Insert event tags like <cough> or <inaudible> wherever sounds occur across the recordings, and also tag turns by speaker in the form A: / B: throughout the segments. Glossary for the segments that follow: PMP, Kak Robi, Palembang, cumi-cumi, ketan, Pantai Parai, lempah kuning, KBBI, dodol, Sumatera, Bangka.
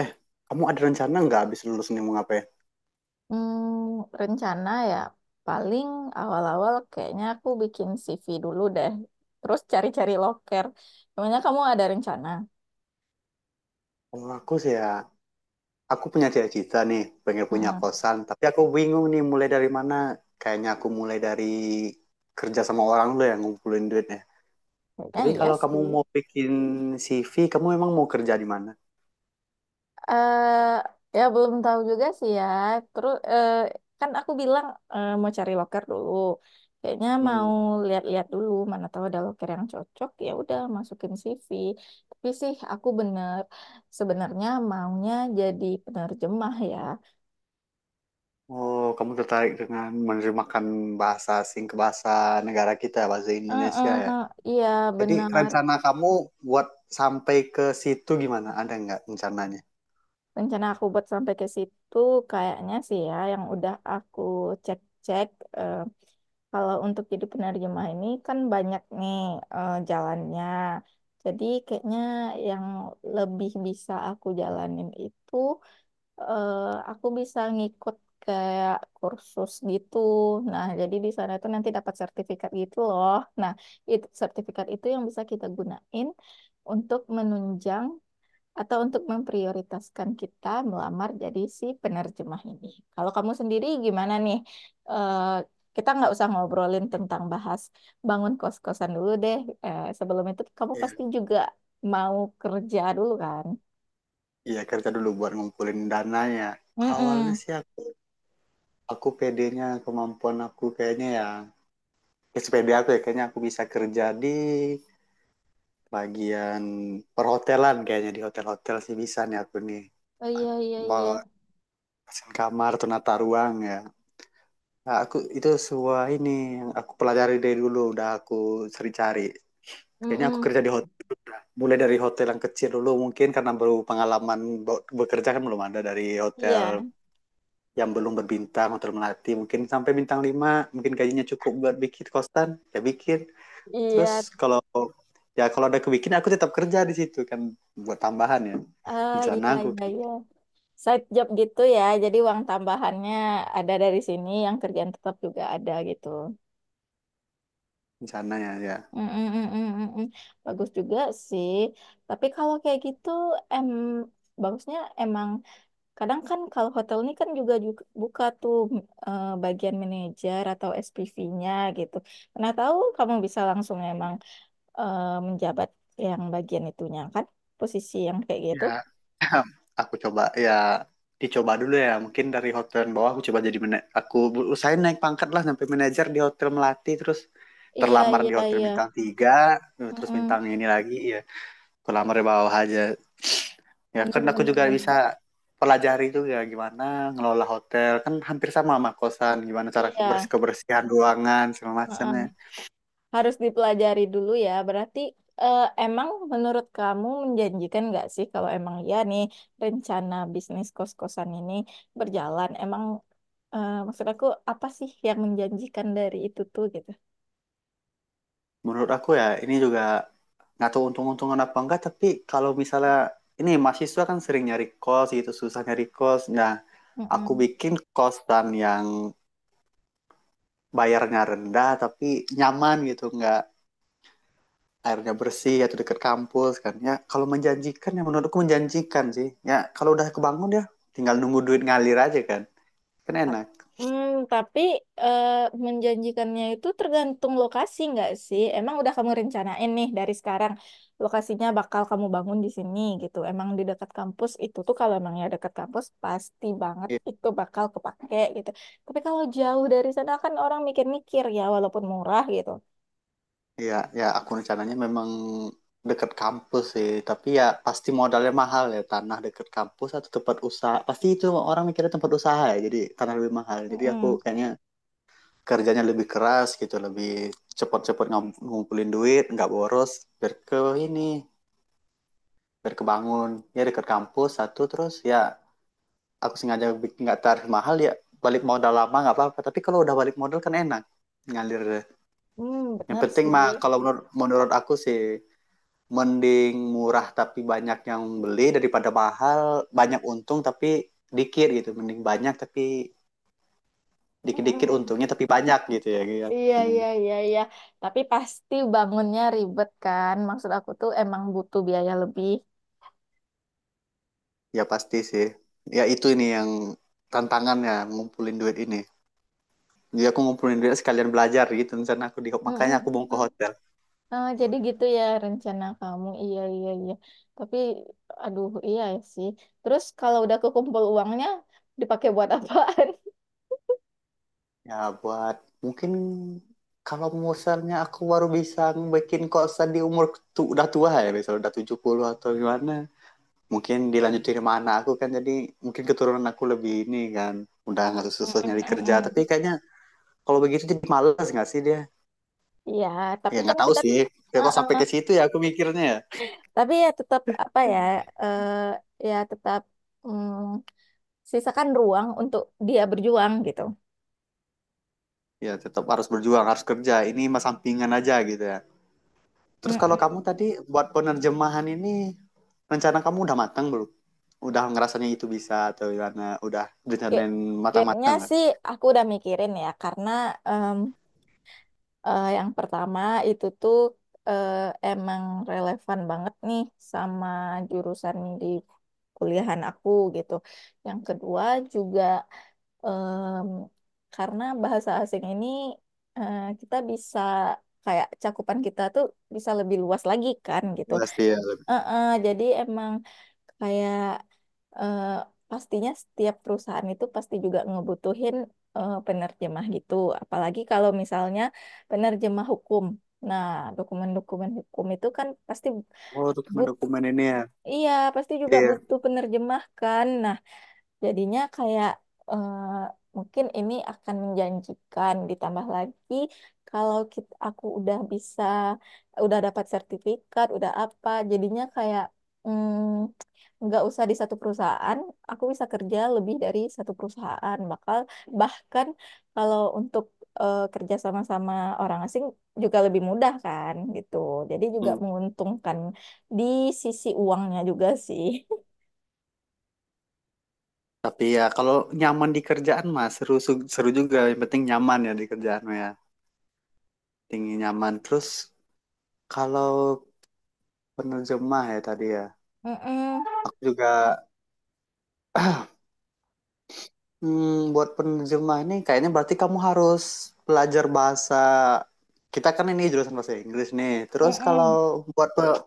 A: Eh, kamu ada rencana nggak habis lulus nih mau ngapain?
B: Rencana ya paling awal-awal kayaknya aku bikin CV dulu deh. Terus cari-cari loker. Namanya kamu ada rencana?
A: Kalau aku sih ya, aku punya cita-cita nih, pengen punya
B: Hmm,
A: kosan. Tapi aku bingung nih mulai dari mana. Kayaknya aku mulai dari kerja sama orang dulu yang ngumpulin duitnya.
B: kayaknya
A: Tapi
B: iya
A: kalau kamu
B: sih.
A: mau bikin CV, kamu emang mau kerja di mana?
B: eh ya belum tahu juga sih ya. Terus kan aku bilang mau cari loker dulu. Kayaknya mau
A: Hmm.
B: lihat-lihat dulu mana tahu ada loker yang cocok. Ya udah masukin CV. Tapi sih aku bener sebenarnya maunya jadi penerjemah ya.
A: Oh, kamu tertarik dengan menerjemahkan bahasa asing ke bahasa negara kita, ya, bahasa Indonesia ya?
B: Heeh, iya
A: Jadi
B: benar.
A: rencana kamu buat sampai ke situ gimana? Ada nggak rencananya?
B: Rencana aku buat sampai ke situ kayaknya sih ya yang udah aku cek-cek, eh, kalau untuk jadi penerjemah ini kan banyak nih jalannya. Jadi kayaknya yang lebih bisa aku jalanin itu eh, aku bisa ngikut kayak kursus gitu. Nah, jadi di sana itu nanti dapat sertifikat gitu loh. Nah, itu sertifikat itu yang bisa kita gunain untuk menunjang atau untuk memprioritaskan kita melamar jadi si penerjemah ini. Kalau kamu sendiri gimana nih? Eh, kita nggak usah ngobrolin tentang bahas bangun kos-kosan dulu deh. Sebelum itu kamu
A: Iya.
B: pasti juga mau kerja dulu kan?
A: Iya, kerja dulu buat ngumpulin dananya. Awalnya
B: Mm-mm.
A: sih aku pedenya kemampuan aku kayaknya ya, ya sepede aku ya, kayaknya aku bisa kerja di bagian perhotelan, kayaknya di hotel-hotel sih bisa nih aku nih,
B: Oh, iya, iya, iya.
A: bawa desain kamar atau nata ruang ya. Nah, aku itu semua ini yang aku pelajari dari dulu udah aku cari-cari. Kayaknya aku
B: Mm-mm.
A: kerja di hotel mulai dari hotel yang kecil dulu, mungkin karena baru pengalaman bekerja kan belum ada, dari hotel
B: Iya,
A: yang belum berbintang, hotel melati, mungkin sampai bintang lima, mungkin gajinya cukup buat bikin kosan, ya bikin.
B: iya.
A: Terus kalau, ya kalau ada kebikin, aku tetap kerja di situ kan, buat tambahan ya,
B: Ah,
A: rencana
B: iya,
A: aku,
B: iya, iya. Side job gitu ya. Jadi uang tambahannya ada dari sini, yang kerjaan tetap juga ada gitu.
A: rencananya ya
B: Mm, mm, mm, mm, mm, mm. Bagus juga sih. Tapi kalau kayak gitu, em bagusnya emang kadang kan kalau hotel ini kan juga buka tuh, bagian manajer atau SPV-nya gitu. Nah, tahu kamu bisa langsung emang menjabat yang bagian itunya kan, posisi yang kayak
A: ya
B: gitu.
A: ya. <clears throat> Aku coba ya, dicoba dulu ya, mungkin dari hotel bawah aku coba, jadi mana aku usahain naik pangkat lah sampai manajer di hotel melati, terus
B: Iya,
A: terlamar di
B: iya,
A: hotel
B: iya.
A: bintang tiga,
B: Mm,
A: terus bintang
B: mm.
A: ini lagi ya, aku lamar di bawah aja. Ya
B: Bener,
A: kan aku
B: bener,
A: juga bisa
B: bener.
A: pelajari juga gimana ngelola hotel, kan hampir sama sama kosan, gimana cara
B: Iya.
A: bersih, kebersihan ruangan segala macamnya.
B: Harus dipelajari dulu ya. Berarti, emang menurut kamu menjanjikan nggak sih kalau emang ya nih rencana bisnis kos-kosan ini berjalan? Emang, maksud aku apa sih yang menjanjikan dari itu tuh gitu?
A: Menurut aku ya, ini juga nggak tahu untung-untungan apa enggak, tapi kalau misalnya ini mahasiswa kan sering nyari kos gitu, susah nyari kos. Nah, aku
B: Mm-mm.
A: bikin kosan yang bayarnya rendah tapi nyaman gitu, nggak, airnya bersih atau dekat kampus kan, ya kalau menjanjikan ya menurutku menjanjikan sih ya. Kalau udah kebangun ya tinggal nunggu duit ngalir aja kan, kan
B: Tap-
A: enak.
B: tapi eh, menjanjikannya itu tergantung lokasi nggak sih? Emang udah kamu rencanain nih dari sekarang lokasinya bakal kamu bangun di sini gitu. Emang di dekat kampus itu tuh kalau emang ya dekat kampus pasti banget
A: I-
B: itu bakal kepake gitu. Tapi kalau jauh dari sana kan orang mikir-mikir ya walaupun murah gitu.
A: iya ya, aku rencananya memang dekat kampus sih, tapi ya pasti modalnya mahal ya, tanah dekat kampus atau tempat usaha pasti itu, orang mikirnya tempat usaha ya, jadi tanah lebih mahal, jadi aku
B: Mm-mm.
A: kayaknya kerjanya lebih keras gitu, lebih cepat-cepat ngumpulin duit, nggak boros, biar ke ini biar kebangun ya. Dekat kampus satu, terus ya aku sengaja bikin nggak tarif mahal ya, balik modal lama nggak apa-apa, tapi kalau udah balik modal kan enak, ngalir.
B: Hmm,
A: Yang
B: benar
A: penting mah
B: sih.
A: kalau menurut menurut aku sih, mending murah tapi banyak yang beli daripada mahal banyak untung tapi dikit gitu, mending banyak tapi dikit-dikit
B: Mm-mm.
A: untungnya tapi banyak gitu ya ya.
B: Iya, iya, iya, iya. Tapi pasti bangunnya ribet kan. Maksud aku tuh emang butuh biaya lebih.
A: Ya pasti sih, ya itu ini yang tantangannya, ngumpulin duit ini. Jadi aku ngumpulin duit sekalian belajar gitu, misalnya aku di, makanya aku mau ke
B: Mm-mm.
A: hotel,
B: Ah, jadi gitu ya rencana kamu. Iya, iya, iya. Tapi, aduh, iya sih. Terus kalau udah kekumpul uangnya, dipakai buat apaan?
A: ya buat, mungkin kalau misalnya aku baru bisa bikin kosan di umur tu, udah tua ya, misalnya udah 70 atau gimana, mungkin dilanjut dari mana aku kan. Jadi mungkin keturunan aku lebih ini kan, udah nggak susah
B: <laughs>
A: nyari kerja, tapi
B: Mm-mm-mm.
A: kayaknya kalau begitu jadi malas nggak sih dia.
B: Iya,
A: Ya
B: tapi kan
A: nggak tahu
B: kita,
A: sih, ya kok
B: uh-uh.
A: sampai ke situ ya aku mikirnya ya.
B: Tapi ya tetap apa ya, eh ya tetap, mm, sisakan ruang untuk dia berjuang gitu.
A: Ya tetap harus berjuang, harus kerja ini mas, sampingan aja gitu ya. Terus kalau kamu
B: Mm-mm.
A: tadi, buat penerjemahan ini, rencana kamu udah matang belum? Udah ngerasanya itu bisa atau gimana, udah
B: Kayak-
A: rencanain
B: Kayaknya
A: matang-matang nggak?
B: sih aku udah mikirin ya, karena yang pertama itu tuh, eh, emang relevan banget nih sama jurusan di kuliahan aku gitu. Yang kedua juga, em, karena bahasa asing ini kita bisa kayak cakupan kita tuh bisa lebih luas lagi kan gitu.
A: Udah sih ya.
B: Jadi emang kayak, eh, pastinya setiap perusahaan itu pasti juga ngebutuhin, penerjemah gitu. Apalagi kalau misalnya penerjemah hukum. Nah, dokumen-dokumen hukum itu kan pasti,
A: Oh,
B: but,
A: dokumen-dokumen ini ya,
B: iya pasti juga
A: iya.
B: butuh penerjemah kan. Nah, jadinya kayak, eh, mungkin ini akan menjanjikan ditambah lagi kalau kita, aku udah bisa udah dapat sertifikat, udah apa, jadinya kayak, mm, nggak usah di satu perusahaan, aku bisa kerja lebih dari satu perusahaan. Bakal bahkan kalau untuk, kerja sama-sama orang asing juga lebih mudah kan gitu. Jadi juga
A: Hmm.
B: menguntungkan di sisi uangnya juga sih. <laughs>
A: Tapi ya kalau nyaman di kerjaan mah seru, seru juga. Yang penting nyaman ya di kerjaan mah ya. Tinggi nyaman. Terus kalau penerjemah ya tadi ya.
B: Mm-mm,
A: Aku juga <clears throat> buat penerjemah ini kayaknya berarti kamu harus belajar bahasa. Kita kan ini jurusan bahasa Inggris nih. Terus
B: mm-mm.
A: kalau buat pe-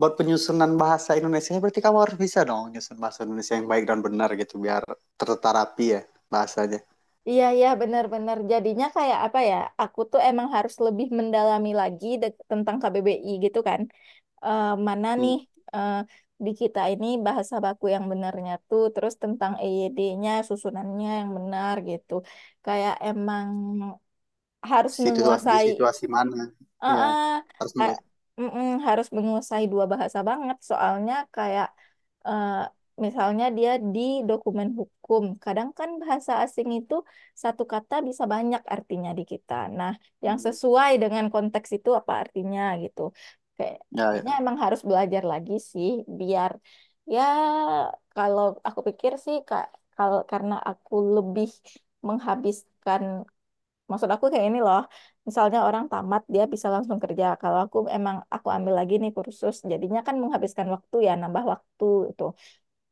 A: buat penyusunan bahasa Indonesia, berarti kamu harus bisa dong nyusun bahasa Indonesia yang baik dan benar gitu, biar terterapi ya bahasanya.
B: Iya, iya, benar-benar. Jadinya kayak apa ya? Aku tuh emang harus lebih mendalami lagi tentang KBBI gitu kan. Mana
A: Hmm,
B: nih, eh, di kita ini bahasa baku yang benarnya tuh, terus tentang EYD-nya, susunannya yang benar gitu. Kayak emang harus
A: situasi di
B: menguasai.
A: situasi mana? Ya,
B: Heeh,
A: harus nggak.
B: ha- mm-mm. Harus menguasai dua bahasa banget. Soalnya kayak, eh, misalnya dia di dokumen hukum. Kadang kan bahasa asing itu satu kata bisa banyak artinya di kita. Nah, yang
A: Hmm.
B: sesuai dengan konteks itu apa artinya gitu. Kayak-
A: Ya,
B: Kayaknya
A: ya.
B: emang harus belajar lagi sih biar ya kalau aku pikir sih, Kak, kalau karena aku lebih menghabiskan. Maksud aku kayak ini loh, misalnya orang tamat dia bisa langsung kerja. Kalau aku emang aku ambil lagi nih kursus, jadinya kan menghabiskan waktu ya, nambah waktu itu.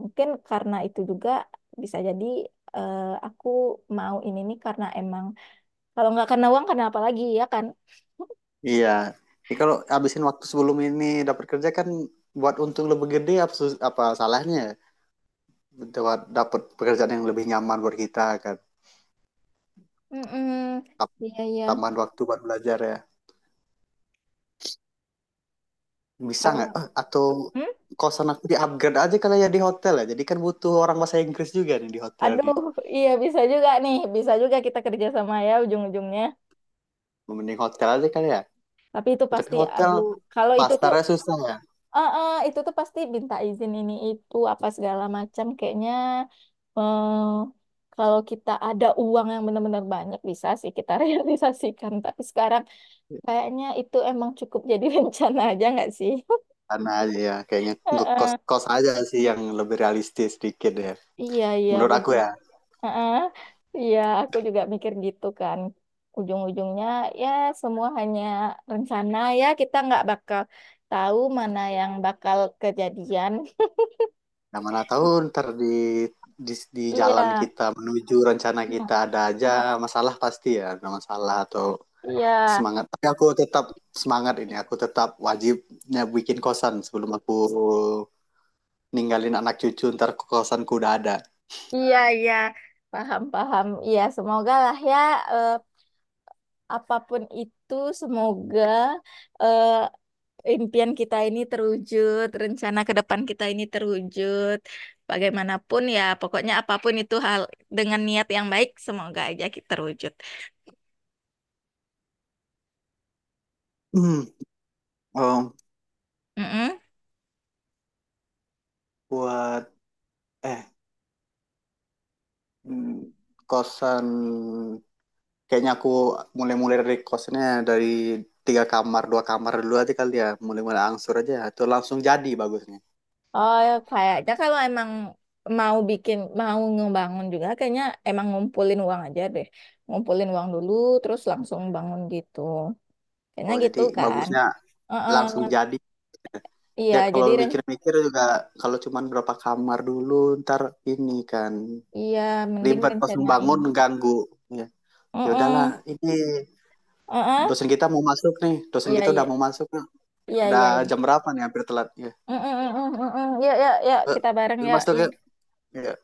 B: Mungkin karena itu juga bisa jadi, eh, aku mau ini nih karena emang kalau nggak karena uang karena apa lagi ya kan?
A: Iya. Ini kalau habisin waktu sebelum ini dapat kerja kan, buat untung lebih gede apa, apa salahnya? Buat dapat pekerjaan yang lebih nyaman buat kita kan.
B: Mm-mm.
A: Tam-
B: Iya, iya.
A: Tambahan waktu buat belajar ya. Bisa
B: Kalau
A: nggak? Eh, atau
B: hmm?
A: kosan aku di upgrade aja kali ya di hotel ya. Jadi kan butuh orang bahasa Inggris juga nih di hotel
B: Aduh,
A: nih.
B: <laughs> iya bisa juga nih, bisa juga kita kerja sama ya ujung-ujungnya.
A: Mending hotel aja kali ya.
B: Tapi itu
A: Tapi
B: pasti,
A: hotel
B: aduh, kalau itu tuh
A: pasarnya susah ya.
B: itu tuh pasti minta izin ini itu apa segala macam kayaknya, eh, kalau kita ada uang yang benar-benar banyak bisa sih kita <laughs> realisasikan, tapi sekarang kayaknya itu emang cukup jadi <laughs> rencana aja nggak sih. <laughs>
A: Karena aja ya kayaknya
B: Eh, eh.
A: ngekos-kos aja sih yang lebih realistis sedikit ya.
B: Iya, iya,
A: Menurut aku
B: benar.
A: ya.
B: Eh, eh. Iya, aku juga mikir gitu kan ujung-ujungnya ya semua hanya rencana ya kita nggak bakal tahu mana yang bakal kejadian.
A: Nah, mana tahu ntar di, di di
B: Iya.
A: jalan kita menuju rencana
B: Nah,
A: kita ada aja masalah pasti ya, ada masalah atau
B: iya.
A: semangat. Tapi aku tetap semangat ini, aku tetap wajibnya bikin kosan sebelum aku ninggalin anak cucu ntar kosanku udah ada.
B: Iya, iya, paham, paham. Iya, semoga lah ya, eh, apapun itu, semoga, eh, impian kita ini terwujud, rencana ke depan kita ini terwujud. Bagaimanapun ya, pokoknya apapun itu hal dengan niat yang baik, semoga aja kita terwujud.
A: Hmm, oh,
B: Mm-mm.
A: buat eh hmm, kosan kayaknya aku mulai-mulai dari kosannya dari tiga kamar, dua kamar dulu aja kali ya, mulai-mulai angsur aja atau langsung jadi bagusnya.
B: Oh, ya, kayaknya kalau emang mau bikin, mau ngebangun juga, kayaknya emang ngumpulin uang aja deh. Ngumpulin uang dulu, terus langsung bangun gitu. Kayaknya
A: Oh,
B: gitu
A: jadi
B: kan.
A: bagusnya
B: Heeh.
A: langsung jadi.
B: Iya,
A: Ya kalau
B: jadi
A: mikir-mikir juga, kalau cuman berapa kamar dulu ntar ini kan
B: iya mending
A: ribet pas
B: rencanain.
A: membangun, ganggu ya. Ya udahlah,
B: Mm-mm.
A: ini
B: Uh-uh.
A: dosen kita mau masuk nih, dosen
B: Iya,
A: kita
B: iya,
A: udah mau masuk,
B: iya,
A: udah
B: iya,
A: jam
B: iya.
A: berapa nih, hampir telat ya.
B: Mm-mm, mm-mm, mm-mm. Yuk, yuk, yuk,
A: Eh,
B: kita bareng
A: ya
B: yuk.
A: masuk yuk
B: Iya.
A: ya.